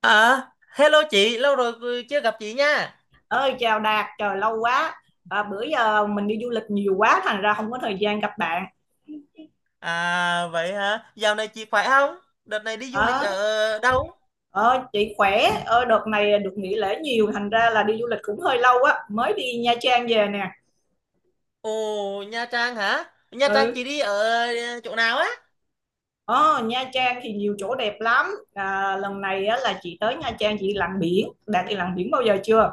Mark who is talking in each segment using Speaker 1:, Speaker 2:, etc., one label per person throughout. Speaker 1: À, hello chị, lâu rồi chưa gặp chị nha.
Speaker 2: Ơi, chào Đạt, trời lâu quá. Bữa giờ mình đi du lịch nhiều quá thành ra không có thời gian gặp bạn.
Speaker 1: À, vậy hả? Dạo này chị khỏe không? Đợt này đi du
Speaker 2: ờ
Speaker 1: lịch ở đâu?
Speaker 2: ờ, chị khỏe. Ờ, Đợt này được nghỉ lễ nhiều thành ra là đi du lịch cũng hơi lâu á, mới đi Nha Trang về nè.
Speaker 1: Ồ, Nha Trang hả? Nha Trang chị
Speaker 2: ừ
Speaker 1: đi ở chỗ nào á?
Speaker 2: ờ, Nha Trang thì nhiều chỗ đẹp lắm. Lần này á, là chị tới Nha Trang chị lặn biển. Đạt đi lặn biển bao giờ chưa?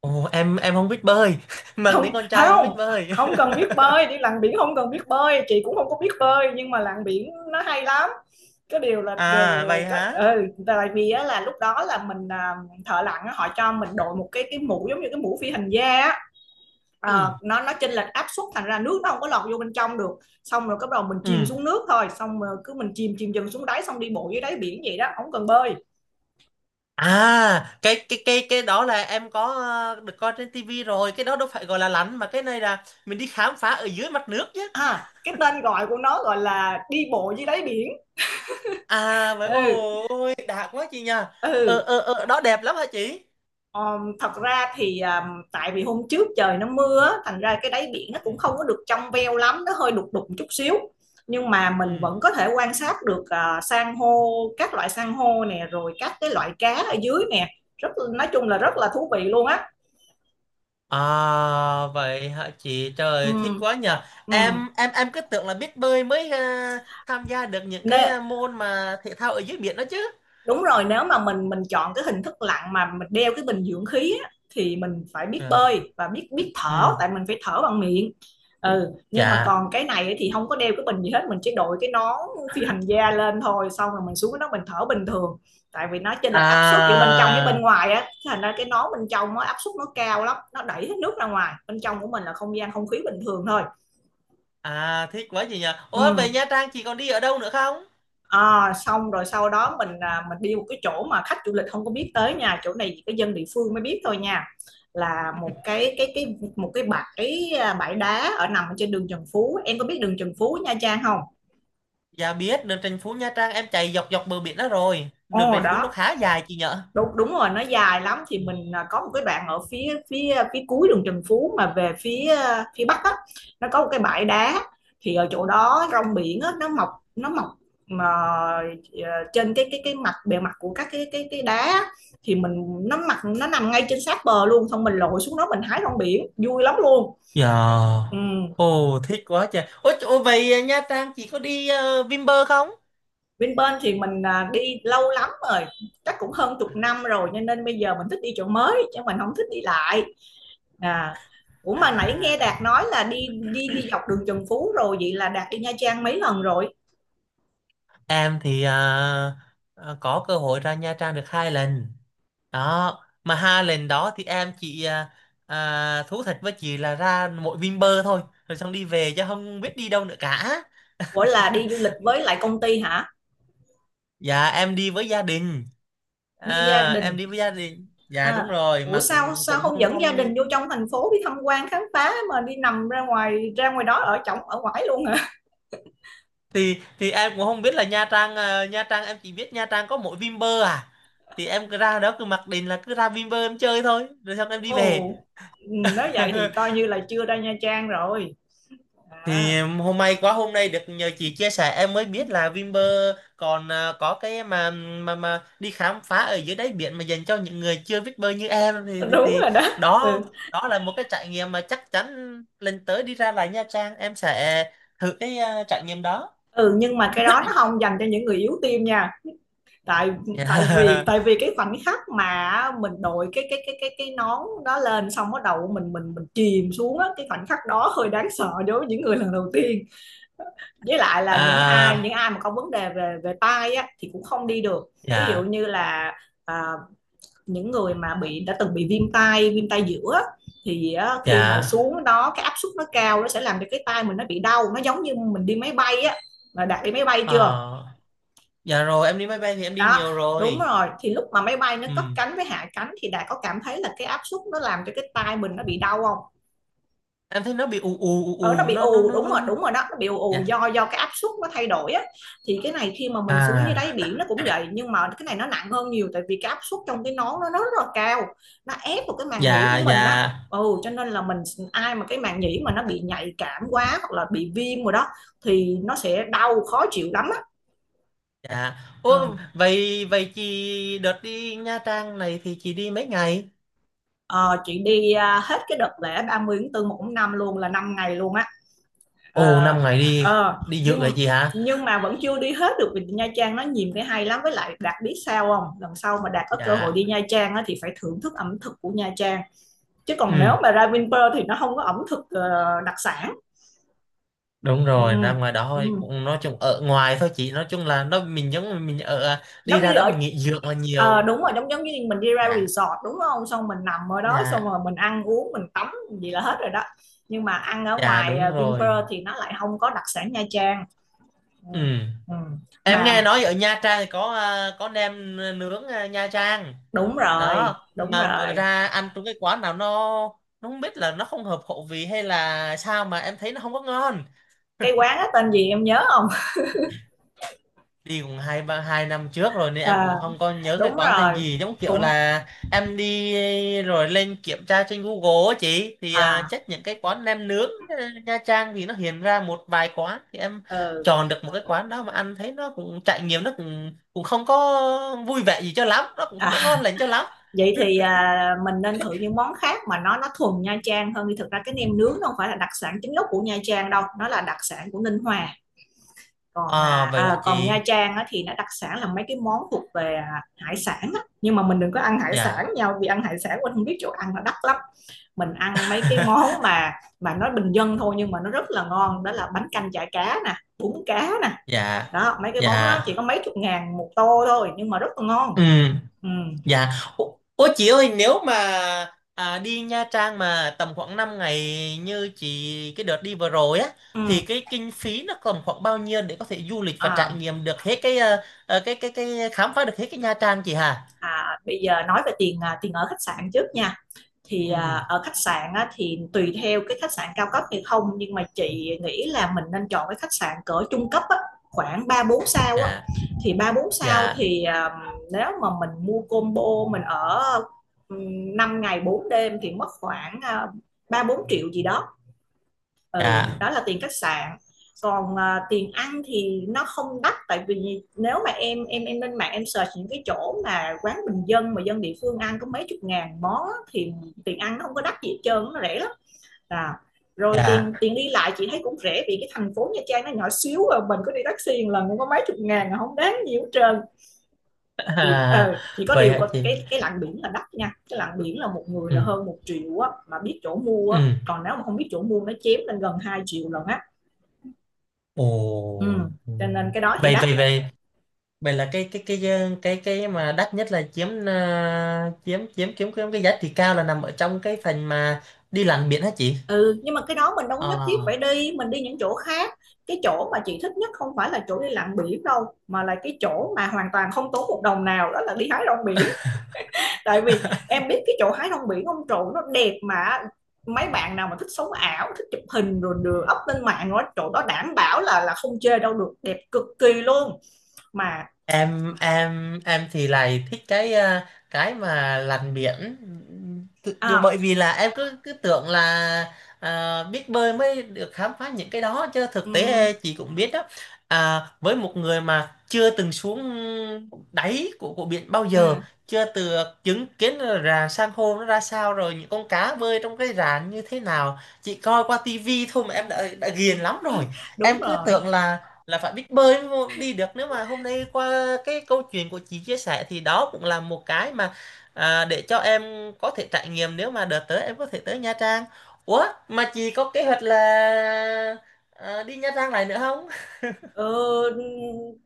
Speaker 1: Ồ, em không biết bơi. Mang tiếng
Speaker 2: không
Speaker 1: con trai mà không
Speaker 2: không
Speaker 1: biết bơi.
Speaker 2: không cần biết bơi đi lặn biển, không cần biết bơi, chị cũng không có biết bơi nhưng mà lặn biển nó hay lắm. Cái điều là, là,
Speaker 1: À,
Speaker 2: là
Speaker 1: vậy
Speaker 2: có,
Speaker 1: hả?
Speaker 2: tại vì á, là lúc đó là mình, thợ lặn á, họ cho mình đội một cái mũ giống như cái mũ phi hành gia á.
Speaker 1: Ừ,
Speaker 2: Nó chênh lệch áp suất thành ra nước nó không có lọt vô bên trong được, xong rồi bắt đầu mình chìm
Speaker 1: ừ.
Speaker 2: xuống nước thôi, xong rồi cứ mình chìm chìm dần xuống đáy, xong đi bộ dưới đáy biển vậy đó, không cần bơi.
Speaker 1: À, cái đó là em có được coi trên tivi rồi, cái đó đâu phải gọi là lặn mà cái này là mình đi khám phá ở dưới mặt nước chứ.
Speaker 2: Cái tên gọi của nó gọi là đi bộ dưới đáy biển.
Speaker 1: À, vậy
Speaker 2: ừ
Speaker 1: ôi đạt quá chị nha. Ờ
Speaker 2: ừ
Speaker 1: ờ ờ đó đẹp lắm hả chị?
Speaker 2: Thật ra thì tại vì hôm trước trời nó mưa thành ra cái đáy biển nó
Speaker 1: Ừ.
Speaker 2: cũng không có được trong veo lắm, nó hơi đục đục chút xíu, nhưng mà mình
Speaker 1: Ừ.
Speaker 2: vẫn có thể quan sát được, san hô, các loại san hô nè, rồi các cái loại cá ở dưới nè. Rất, nói chung là rất là thú vị luôn á.
Speaker 1: À, vậy hả chị,
Speaker 2: ừ,
Speaker 1: trời thích quá nhờ.
Speaker 2: ừ.
Speaker 1: Em cứ tưởng là biết bơi mới tham gia được những cái
Speaker 2: Nê-
Speaker 1: môn mà thể thao ở dưới biển đó chứ.
Speaker 2: Đúng rồi, nếu mà mình chọn cái hình thức lặn mà mình đeo cái bình dưỡng khí á, thì mình phải biết
Speaker 1: Ờ,
Speaker 2: bơi và biết biết thở,
Speaker 1: ừ,
Speaker 2: tại mình phải thở bằng miệng. Ừ, nhưng mà còn
Speaker 1: dạ,
Speaker 2: cái này ấy thì không có đeo cái bình gì hết, mình chỉ đội cái nón phi hành gia lên thôi, xong rồi mình xuống cái đó mình thở bình thường, tại vì nó chênh lệch áp suất giữa bên trong với bên
Speaker 1: à,
Speaker 2: ngoài á, thành ra cái nón bên trong nó áp suất nó cao lắm, nó đẩy hết nước ra ngoài, bên trong của mình là không gian không khí bình thường thôi.
Speaker 1: à, thích quá chị nhờ. Ủa, về
Speaker 2: ừ
Speaker 1: Nha Trang chị còn đi ở đâu nữa không?
Speaker 2: À, xong rồi sau đó mình, mình đi một cái chỗ mà khách du lịch không có biết tới nha, chỗ này chỉ có dân địa phương mới biết thôi nha, là một cái một cái bãi, bãi đá ở nằm trên đường Trần Phú. Em có biết đường Trần Phú Nha Trang không?
Speaker 1: Dạ biết, đường Trần Phú Nha Trang em chạy dọc dọc bờ biển đó, rồi đường
Speaker 2: Ồ
Speaker 1: Trần Phú nó
Speaker 2: đó,
Speaker 1: khá dài chị nhở.
Speaker 2: đúng đúng rồi, nó dài lắm. Thì
Speaker 1: Ừ.
Speaker 2: mình, có một cái đoạn ở phía phía phía cuối đường Trần Phú, mà về phía, phía bắc á, nó có một cái bãi đá. Thì ở chỗ đó rong biển á nó mọc, nó mọc mà trên cái mặt bề mặt của các cái đá á, thì mình nó mặt nó nằm ngay trên sát bờ luôn, xong mình lội xuống đó mình hái rong biển vui lắm luôn.
Speaker 1: Dạ.
Speaker 2: ừ.
Speaker 1: Ồ, thích quá trời. Ôi, ồ vậy à, Nha Trang chị có đi Vinpearl không?
Speaker 2: Bên bên thì mình, đi lâu lắm rồi, chắc cũng hơn chục năm rồi, cho nên bây giờ mình thích đi chỗ mới chứ mình không thích đi lại. À, Ủa mà nãy nghe
Speaker 1: À,
Speaker 2: Đạt nói là đi đi đi dọc đường Trần Phú rồi, vậy là Đạt đi Nha Trang mấy lần rồi?
Speaker 1: em thì à, ờ, có cơ hội ra Nha Trang được hai lần. Đó, mà hai lần đó thì em chỉ à, à, thú thật với chị là ra mỗi Vinpearl thôi. Rồi xong đi về chứ không biết đi đâu nữa cả.
Speaker 2: Ủa, là đi du lịch với lại công ty hả?
Speaker 1: Dạ, em đi với gia đình.
Speaker 2: Đi gia
Speaker 1: À, em
Speaker 2: đình.
Speaker 1: đi với gia đình. Dạ
Speaker 2: À,
Speaker 1: đúng rồi,
Speaker 2: ủa
Speaker 1: mà
Speaker 2: sao
Speaker 1: cũng
Speaker 2: sao
Speaker 1: cũng
Speaker 2: không
Speaker 1: không
Speaker 2: dẫn gia đình
Speaker 1: không
Speaker 2: vô trong thành phố đi tham quan khám phá, mà đi nằm ra ngoài, đó ở chổng ở ngoài luôn hả?
Speaker 1: Thì em cũng không biết là Nha Trang, Nha Trang em chỉ biết Nha Trang có mỗi Vinpearl à. Thì em cứ ra đó cứ mặc định là cứ ra Vinpearl em chơi thôi rồi xong em đi về.
Speaker 2: Ồ, ừ, nói vậy thì coi như là chưa ra Nha Trang rồi. À,
Speaker 1: Hôm nay được nhờ chị chia sẻ em mới biết là Vinpearl còn có cái mà đi khám phá ở dưới đáy biển mà dành cho những người chưa biết bơi như em thì thì,
Speaker 2: đúng
Speaker 1: thì
Speaker 2: rồi đó.
Speaker 1: đó,
Speaker 2: Ừ.
Speaker 1: đó là một cái trải nghiệm mà chắc chắn lần tới đi ra lại Nha Trang em sẽ thử cái trải nghiệm đó.
Speaker 2: Ừ, nhưng mà cái đó nó không dành cho những người yếu tim nha. Tại tại vì Tại vì cái khoảnh khắc mà mình đội cái nón đó lên, xong bắt đầu mình mình chìm xuống á, cái khoảnh khắc đó hơi đáng sợ đối với những người lần đầu tiên, với lại là những
Speaker 1: À,
Speaker 2: ai mà có vấn đề về về tai á thì cũng không đi được. Ví dụ
Speaker 1: dạ.
Speaker 2: như là, à, những người mà đã từng bị viêm tai, viêm tai giữa á, thì á, khi mà
Speaker 1: Dạ,
Speaker 2: xuống đó cái áp suất nó cao, nó sẽ làm cho cái tai mình nó bị đau, nó giống như mình đi máy bay á. Mà đặt đi máy bay chưa?
Speaker 1: ờ, dạ rồi em đi máy bay thì em đi
Speaker 2: Đó,
Speaker 1: nhiều
Speaker 2: đúng
Speaker 1: rồi.
Speaker 2: rồi, thì lúc mà máy bay nó
Speaker 1: Ừ.
Speaker 2: cất cánh với hạ cánh thì đã có cảm thấy là cái áp suất nó làm cho cái tai mình nó bị đau không?
Speaker 1: Em thấy nó bị ù ù ù
Speaker 2: Ở nó
Speaker 1: ù
Speaker 2: bị
Speaker 1: nó nó
Speaker 2: ù,
Speaker 1: nó
Speaker 2: đúng
Speaker 1: nó.
Speaker 2: rồi,
Speaker 1: nó.
Speaker 2: đúng rồi đó, nó bị ù,
Speaker 1: Dạ.
Speaker 2: do cái áp suất nó thay đổi á. Thì cái này khi mà mình xuống dưới đáy
Speaker 1: À,
Speaker 2: biển nó cũng vậy, nhưng mà cái này nó nặng hơn nhiều, tại vì cái áp suất trong cái nón nó rất là cao, nó ép vào cái màng nhĩ của
Speaker 1: dạ,
Speaker 2: mình á.
Speaker 1: dạ,
Speaker 2: Ừ, cho nên là mình, ai mà cái màng nhĩ mà nó bị nhạy cảm quá hoặc là bị viêm rồi đó thì nó sẽ đau khó chịu lắm á.
Speaker 1: dạ.
Speaker 2: Ờ.
Speaker 1: Ủa, vậy vậy chị đợt đi Nha Trang này thì chị đi mấy ngày?
Speaker 2: Ờ, chị đi, hết cái đợt lễ 30 tháng 4 một tháng 5 luôn, là 5 ngày luôn á.
Speaker 1: Ồ,
Speaker 2: ờ,
Speaker 1: 5 ngày, đi
Speaker 2: ờ,
Speaker 1: đi dự
Speaker 2: nhưng
Speaker 1: vậy chị hả?
Speaker 2: nhưng mà vẫn chưa đi hết được vì Nha Trang nó nhiều cái hay lắm, với lại Đạt biết sao không, lần sau mà Đạt có cơ hội
Speaker 1: Dạ.
Speaker 2: đi Nha Trang á, thì phải thưởng thức ẩm thực của Nha Trang. Chứ còn
Speaker 1: Ừ,
Speaker 2: nếu mà ra Vinpearl thì nó không có ẩm thực, đặc sản.
Speaker 1: đúng
Speaker 2: ừ,
Speaker 1: rồi, ra ngoài đó
Speaker 2: ừ.
Speaker 1: thôi, cũng nói chung ở ngoài thôi chị, nói chung là nó mình giống như mình ở à, đi
Speaker 2: Giống
Speaker 1: ra
Speaker 2: như
Speaker 1: đó
Speaker 2: ở
Speaker 1: mình nghỉ dưỡng là
Speaker 2: Ờ,
Speaker 1: nhiều.
Speaker 2: đúng rồi, giống giống như mình đi ra
Speaker 1: Dạ.
Speaker 2: resort đúng không? Xong mình nằm ở đó, xong
Speaker 1: Dạ.
Speaker 2: rồi mình ăn uống, mình tắm gì là hết rồi đó. Nhưng mà ăn ở
Speaker 1: Dạ
Speaker 2: ngoài,
Speaker 1: đúng rồi.
Speaker 2: Vinpearl thì nó lại không có đặc sản Nha Trang. Ừ.
Speaker 1: Ừ.
Speaker 2: Ừ.
Speaker 1: Em
Speaker 2: Mà
Speaker 1: nghe nói ở Nha Trang thì có à, có nem nướng Nha Trang,
Speaker 2: đúng rồi,
Speaker 1: đó
Speaker 2: đúng
Speaker 1: mà bữa
Speaker 2: rồi.
Speaker 1: ra ăn trong cái quán nào nó không biết là nó không hợp khẩu vị hay là sao mà em thấy nó không có ngon.
Speaker 2: Cái quán đó tên gì em nhớ không?
Speaker 1: Đi cũng 2 năm trước rồi nên em
Speaker 2: À,
Speaker 1: cũng không có nhớ cái
Speaker 2: đúng
Speaker 1: quán tên
Speaker 2: rồi.
Speaker 1: gì, giống kiểu
Speaker 2: Cũng,
Speaker 1: là em đi rồi lên kiểm tra trên Google á chị, thì à,
Speaker 2: à
Speaker 1: chắc những cái quán nem nướng Nha Trang thì nó hiện ra một vài quán thì em
Speaker 2: ừ.
Speaker 1: chọn được một cái quán đó mà ăn thấy nó cũng trải nghiệm nó cũng cũng không có vui vẻ gì cho lắm, nó cũng không
Speaker 2: À,
Speaker 1: có ngon lành cho lắm.
Speaker 2: vậy thì, mình nên thử những món khác mà nó thuần Nha Trang hơn đi. Thực ra cái nem nướng nó không phải là đặc sản chính gốc của Nha Trang đâu, nó là đặc sản của Ninh Hòa. Còn,
Speaker 1: À, vậy hả
Speaker 2: còn
Speaker 1: chị.
Speaker 2: Nha Trang á, thì nó đặc sản là mấy cái món thuộc về, hải sản á. Nhưng mà mình đừng có ăn hải sản
Speaker 1: Dạ.
Speaker 2: nhau, vì ăn hải sản mình không biết chỗ ăn là đắt lắm. Mình ăn mấy cái món mà, nó bình dân thôi, nhưng mà nó rất là ngon, đó là bánh canh chả cá nè, bún cá nè.
Speaker 1: Dạ,
Speaker 2: Đó, mấy cái món đó
Speaker 1: dạ,
Speaker 2: chỉ có mấy chục ngàn một tô thôi, nhưng mà rất là ngon.
Speaker 1: ừ.
Speaker 2: ừ,
Speaker 1: Dạ, ô, ô chị ơi, nếu mà à, đi Nha Trang mà tầm khoảng 5 ngày như chị cái đợt đi vừa rồi á, thì
Speaker 2: ừ.
Speaker 1: cái kinh phí nó tầm khoảng bao nhiêu để có thể du lịch và trải
Speaker 2: À,
Speaker 1: nghiệm được hết cái cái khám phá được hết cái Nha Trang chị hà?
Speaker 2: Bây giờ nói về tiền, tiền ở khách sạn trước nha. Thì,
Speaker 1: Ừ.
Speaker 2: ở khách sạn á, thì tùy theo cái khách sạn cao cấp hay không, nhưng mà chị nghĩ là mình nên chọn cái khách sạn cỡ trung cấp á, khoảng ba bốn sao á.
Speaker 1: Dạ,
Speaker 2: Thì ba bốn sao
Speaker 1: dạ,
Speaker 2: thì, nếu mà mình mua combo, mình ở, 5 ngày 4 đêm thì mất khoảng, 3-4 triệu gì đó. Ừ,
Speaker 1: dạ,
Speaker 2: đó là tiền khách sạn. Còn, tiền ăn thì nó không đắt, tại vì nếu mà em lên mạng em search những cái chỗ mà quán bình dân mà dân địa phương ăn có mấy chục ngàn món á, thì tiền ăn nó không có đắt gì hết trơn, nó rẻ lắm. À, rồi
Speaker 1: dạ.
Speaker 2: tiền tiền đi lại chị thấy cũng rẻ, vì cái thành phố Nha Trang nó nhỏ xíu à, mình có đi taxi một lần cũng có mấy chục ngàn à, không đáng nhiều hết trơn. Chị
Speaker 1: À,
Speaker 2: ờ Chỉ có
Speaker 1: vậy
Speaker 2: điều
Speaker 1: hả
Speaker 2: có
Speaker 1: chị?
Speaker 2: cái lặn biển là đắt nha, cái lặn biển là một người
Speaker 1: Ừ.
Speaker 2: là hơn một triệu á, mà biết chỗ mua á,
Speaker 1: Ừ.
Speaker 2: còn nếu mà không biết chỗ mua nó chém lên gần 2 triệu lần.
Speaker 1: Ồ.
Speaker 2: Ừ,
Speaker 1: Ừ.
Speaker 2: cho nên cái đó thì
Speaker 1: Vậy
Speaker 2: đắt.
Speaker 1: vậy vậy vậy là cái mà đắt nhất là chiếm ờ, chiếm chiếm chiếm chiếm cái giá trị cao là nằm ở trong cái phần mà đi lặn biển hả chị?
Speaker 2: Ừ, nhưng mà cái đó mình đâu có
Speaker 1: Ờ,
Speaker 2: nhất thiết phải đi, mình đi những chỗ khác. Cái chỗ mà chị thích nhất không phải là chỗ đi lặn biển đâu, mà là cái chỗ mà hoàn toàn không tốn một đồng nào, đó là đi hái rong biển. Tại vì em biết cái chỗ hái rong biển ông trụ nó đẹp, mà mấy bạn nào mà thích sống ảo, thích chụp hình rồi đưa up lên mạng đó, chỗ đó đảm bảo là không chê đâu được, đẹp cực kỳ luôn. Mà
Speaker 1: em thì lại thích cái mà lặn biển. Bởi
Speaker 2: à,
Speaker 1: vì là em cứ cứ tưởng là à, biết bơi mới được khám phá những cái đó chứ thực
Speaker 2: ừm,
Speaker 1: tế chị cũng biết đó, à, với một người mà chưa từng xuống đáy của biển bao giờ,
Speaker 2: à
Speaker 1: chưa từ chứng kiến là rạn san hô nó ra sao rồi những con cá bơi trong cái rạn như thế nào, chị coi qua tivi thôi mà em đã ghiền lắm rồi.
Speaker 2: Đúng
Speaker 1: Em cứ
Speaker 2: rồi.
Speaker 1: tưởng là phải biết bơi đi được, nếu mà hôm nay qua cái câu chuyện của chị chia sẻ thì đó cũng là một cái mà à, để cho em có thể trải nghiệm nếu mà đợt tới em có thể tới Nha Trang. Ủa mà chị có kế hoạch là à, đi Nha Trang lại nữa không?
Speaker 2: Ờ,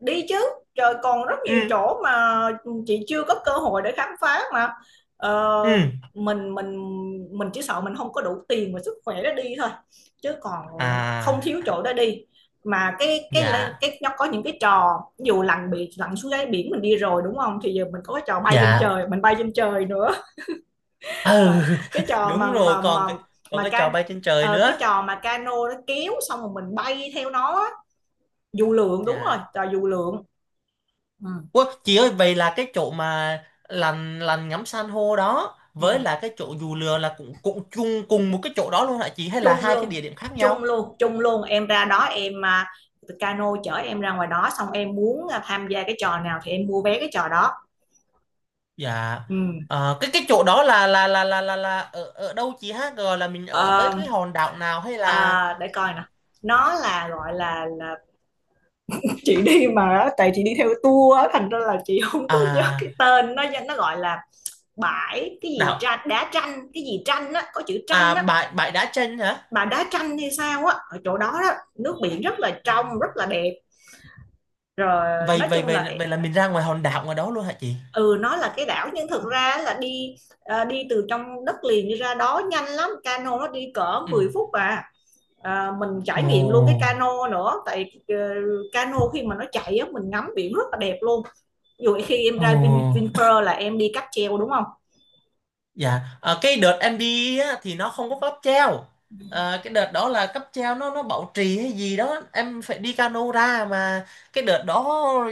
Speaker 2: đi chứ, trời còn rất nhiều
Speaker 1: Ừ,
Speaker 2: chỗ mà chị chưa có cơ hội để khám phá mà.
Speaker 1: ừ,
Speaker 2: ờ, mình mình mình chỉ sợ mình không có đủ tiền và sức khỏe để đi thôi, chứ còn không thiếu
Speaker 1: à,
Speaker 2: chỗ để đi mà. cái cái cái,
Speaker 1: dạ,
Speaker 2: cái nó có những cái trò, ví dụ lặn biển, lặn xuống đáy biển mình đi rồi đúng không, thì giờ mình có cái trò bay trên
Speaker 1: dạ,
Speaker 2: trời, mình bay trên trời nữa.
Speaker 1: ừ.
Speaker 2: Tại- cái trò
Speaker 1: Đúng rồi, còn cái còn
Speaker 2: mà
Speaker 1: cái trò
Speaker 2: can
Speaker 1: bay trên trời
Speaker 2: Cái
Speaker 1: nữa.
Speaker 2: trò mà cano nó kéo xong rồi mình bay theo nó á. Dù lượn, đúng rồi,
Speaker 1: Dạ.
Speaker 2: trò dù lượn. ừ,
Speaker 1: Ủa, chị ơi vậy là cái chỗ mà lằn lằn ngắm san hô đó với
Speaker 2: ừ.
Speaker 1: là cái chỗ dù lừa là cũng cũng chung cùng một cái chỗ đó luôn hả chị, hay là
Speaker 2: chung
Speaker 1: hai cái
Speaker 2: luôn
Speaker 1: địa điểm khác nhau?
Speaker 2: Chung luôn, em ra đó em, cano chở em ra ngoài đó, xong em muốn, tham gia cái trò nào thì em mua vé cái trò đó.
Speaker 1: Dạ.
Speaker 2: Ừ.
Speaker 1: Ờ, cái chỗ đó là ở ở đâu chị ha? Rồi là mình ở tới
Speaker 2: Ờ,
Speaker 1: cái hòn đảo nào hay là
Speaker 2: để coi nè, nó là gọi là, chị đi mà, tại chị đi theo tour á, thành ra là chị không có nhớ
Speaker 1: à,
Speaker 2: cái tên, nó gọi là bãi cái gì
Speaker 1: đảo,
Speaker 2: tranh, đá tranh, cái gì tranh á, có chữ tranh
Speaker 1: à,
Speaker 2: á,
Speaker 1: bãi bãi đá tranh hả?
Speaker 2: mà đá tranh hay sao á. Ở chỗ đó đó nước biển rất là trong, rất là đẹp, rồi
Speaker 1: Vậy
Speaker 2: nói
Speaker 1: vậy
Speaker 2: chung là,
Speaker 1: vậy vậy là mình ra ngoài hòn đảo ngoài đó luôn hả chị?
Speaker 2: ừ, nó là cái đảo nhưng thực ra là đi, đi từ trong đất liền đi ra đó nhanh lắm, cano nó đi cỡ
Speaker 1: Ừ.
Speaker 2: 10 phút à. À, mình trải
Speaker 1: Ồ.
Speaker 2: nghiệm luôn cái cano nữa, tại cano khi mà nó chạy á, mình ngắm biển rất là đẹp luôn. Ví dụ khi em
Speaker 1: Ồ.
Speaker 2: ra Vinpearl là em đi cáp treo đúng không?
Speaker 1: Dạ, cái đợt em đi á, thì nó không có cáp treo. Ờ, cái đợt đó là cáp treo nó bảo trì hay gì đó, em phải đi cano ra mà, cái đợt đó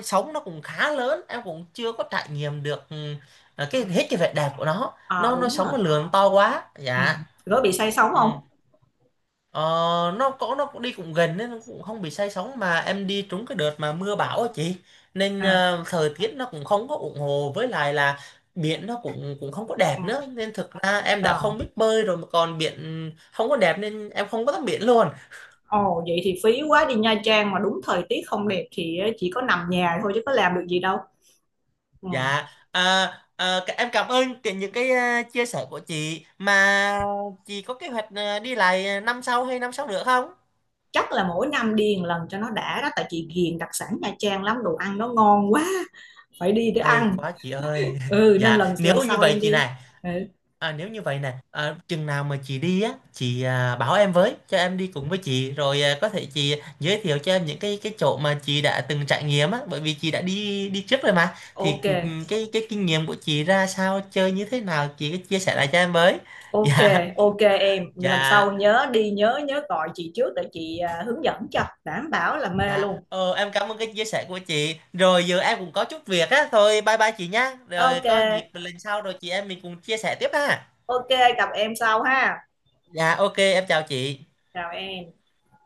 Speaker 1: sóng nó cũng khá lớn, em cũng chưa có trải nghiệm được
Speaker 2: Ừ.
Speaker 1: cái hết cái vẻ đẹp của nó.
Speaker 2: À,
Speaker 1: Nó
Speaker 2: đúng
Speaker 1: sóng
Speaker 2: rồi.
Speaker 1: nó lường to quá.
Speaker 2: Ừ.
Speaker 1: Dạ.
Speaker 2: Có bị say sóng
Speaker 1: Ừ.
Speaker 2: không?
Speaker 1: Ờ, nó cũng đi cũng gần nên nó cũng không bị say sóng, mà em đi trúng cái đợt mà mưa bão á chị, nên
Speaker 2: à
Speaker 1: thời tiết nó cũng không có ủng hộ, với lại là biển nó cũng cũng không có đẹp
Speaker 2: ừ.
Speaker 1: nữa nên thực ra em đã
Speaker 2: Rồi.
Speaker 1: không biết bơi rồi mà còn biển không có đẹp nên em không có tắm biển luôn.
Speaker 2: Ồ, vậy thì phí quá, đi Nha Trang mà đúng thời tiết không đẹp thì chỉ có nằm nhà thôi chứ có làm được gì đâu. Ừ.
Speaker 1: Dạ, à, à, em cảm ơn những cái chia sẻ của chị, mà chị có kế hoạch đi lại năm sau hay năm sau nữa không?
Speaker 2: Chắc là mỗi năm đi một lần cho nó đã đó, tại chị ghiền đặc sản Nha Trang lắm, đồ ăn nó ngon quá, phải đi để
Speaker 1: Hay
Speaker 2: ăn.
Speaker 1: quá chị ơi.
Speaker 2: Ừ, nên
Speaker 1: Dạ
Speaker 2: lần
Speaker 1: nếu
Speaker 2: lần
Speaker 1: như
Speaker 2: sau
Speaker 1: vậy
Speaker 2: em
Speaker 1: chị
Speaker 2: đi.
Speaker 1: này.
Speaker 2: Ừ.
Speaker 1: À, nếu như vậy nè, à, chừng nào mà chị đi á, chị à, bảo em với, cho em đi cùng với chị, rồi à, có thể chị giới thiệu cho em những cái chỗ mà chị đã từng trải nghiệm á, bởi vì chị đã đi đi trước rồi mà, thì
Speaker 2: OK.
Speaker 1: cái kinh nghiệm của chị ra sao, chơi như thế nào, chị cứ chia sẻ lại cho em với.
Speaker 2: OK.
Speaker 1: Dạ,
Speaker 2: OK, em lần
Speaker 1: dạ,
Speaker 2: sau nhớ đi, nhớ nhớ gọi chị trước để chị, hướng dẫn cho đảm bảo là mê
Speaker 1: dạ.
Speaker 2: luôn.
Speaker 1: Ờ, em cảm ơn cái chia sẻ của chị. Rồi giờ em cũng có chút việc á, thôi bye bye chị nhá. Rồi
Speaker 2: OK.
Speaker 1: có dịp lần sau rồi chị em mình cùng chia sẻ tiếp ha.
Speaker 2: OK. Gặp em sau ha.
Speaker 1: Dạ, ok, em chào chị.
Speaker 2: Chào em.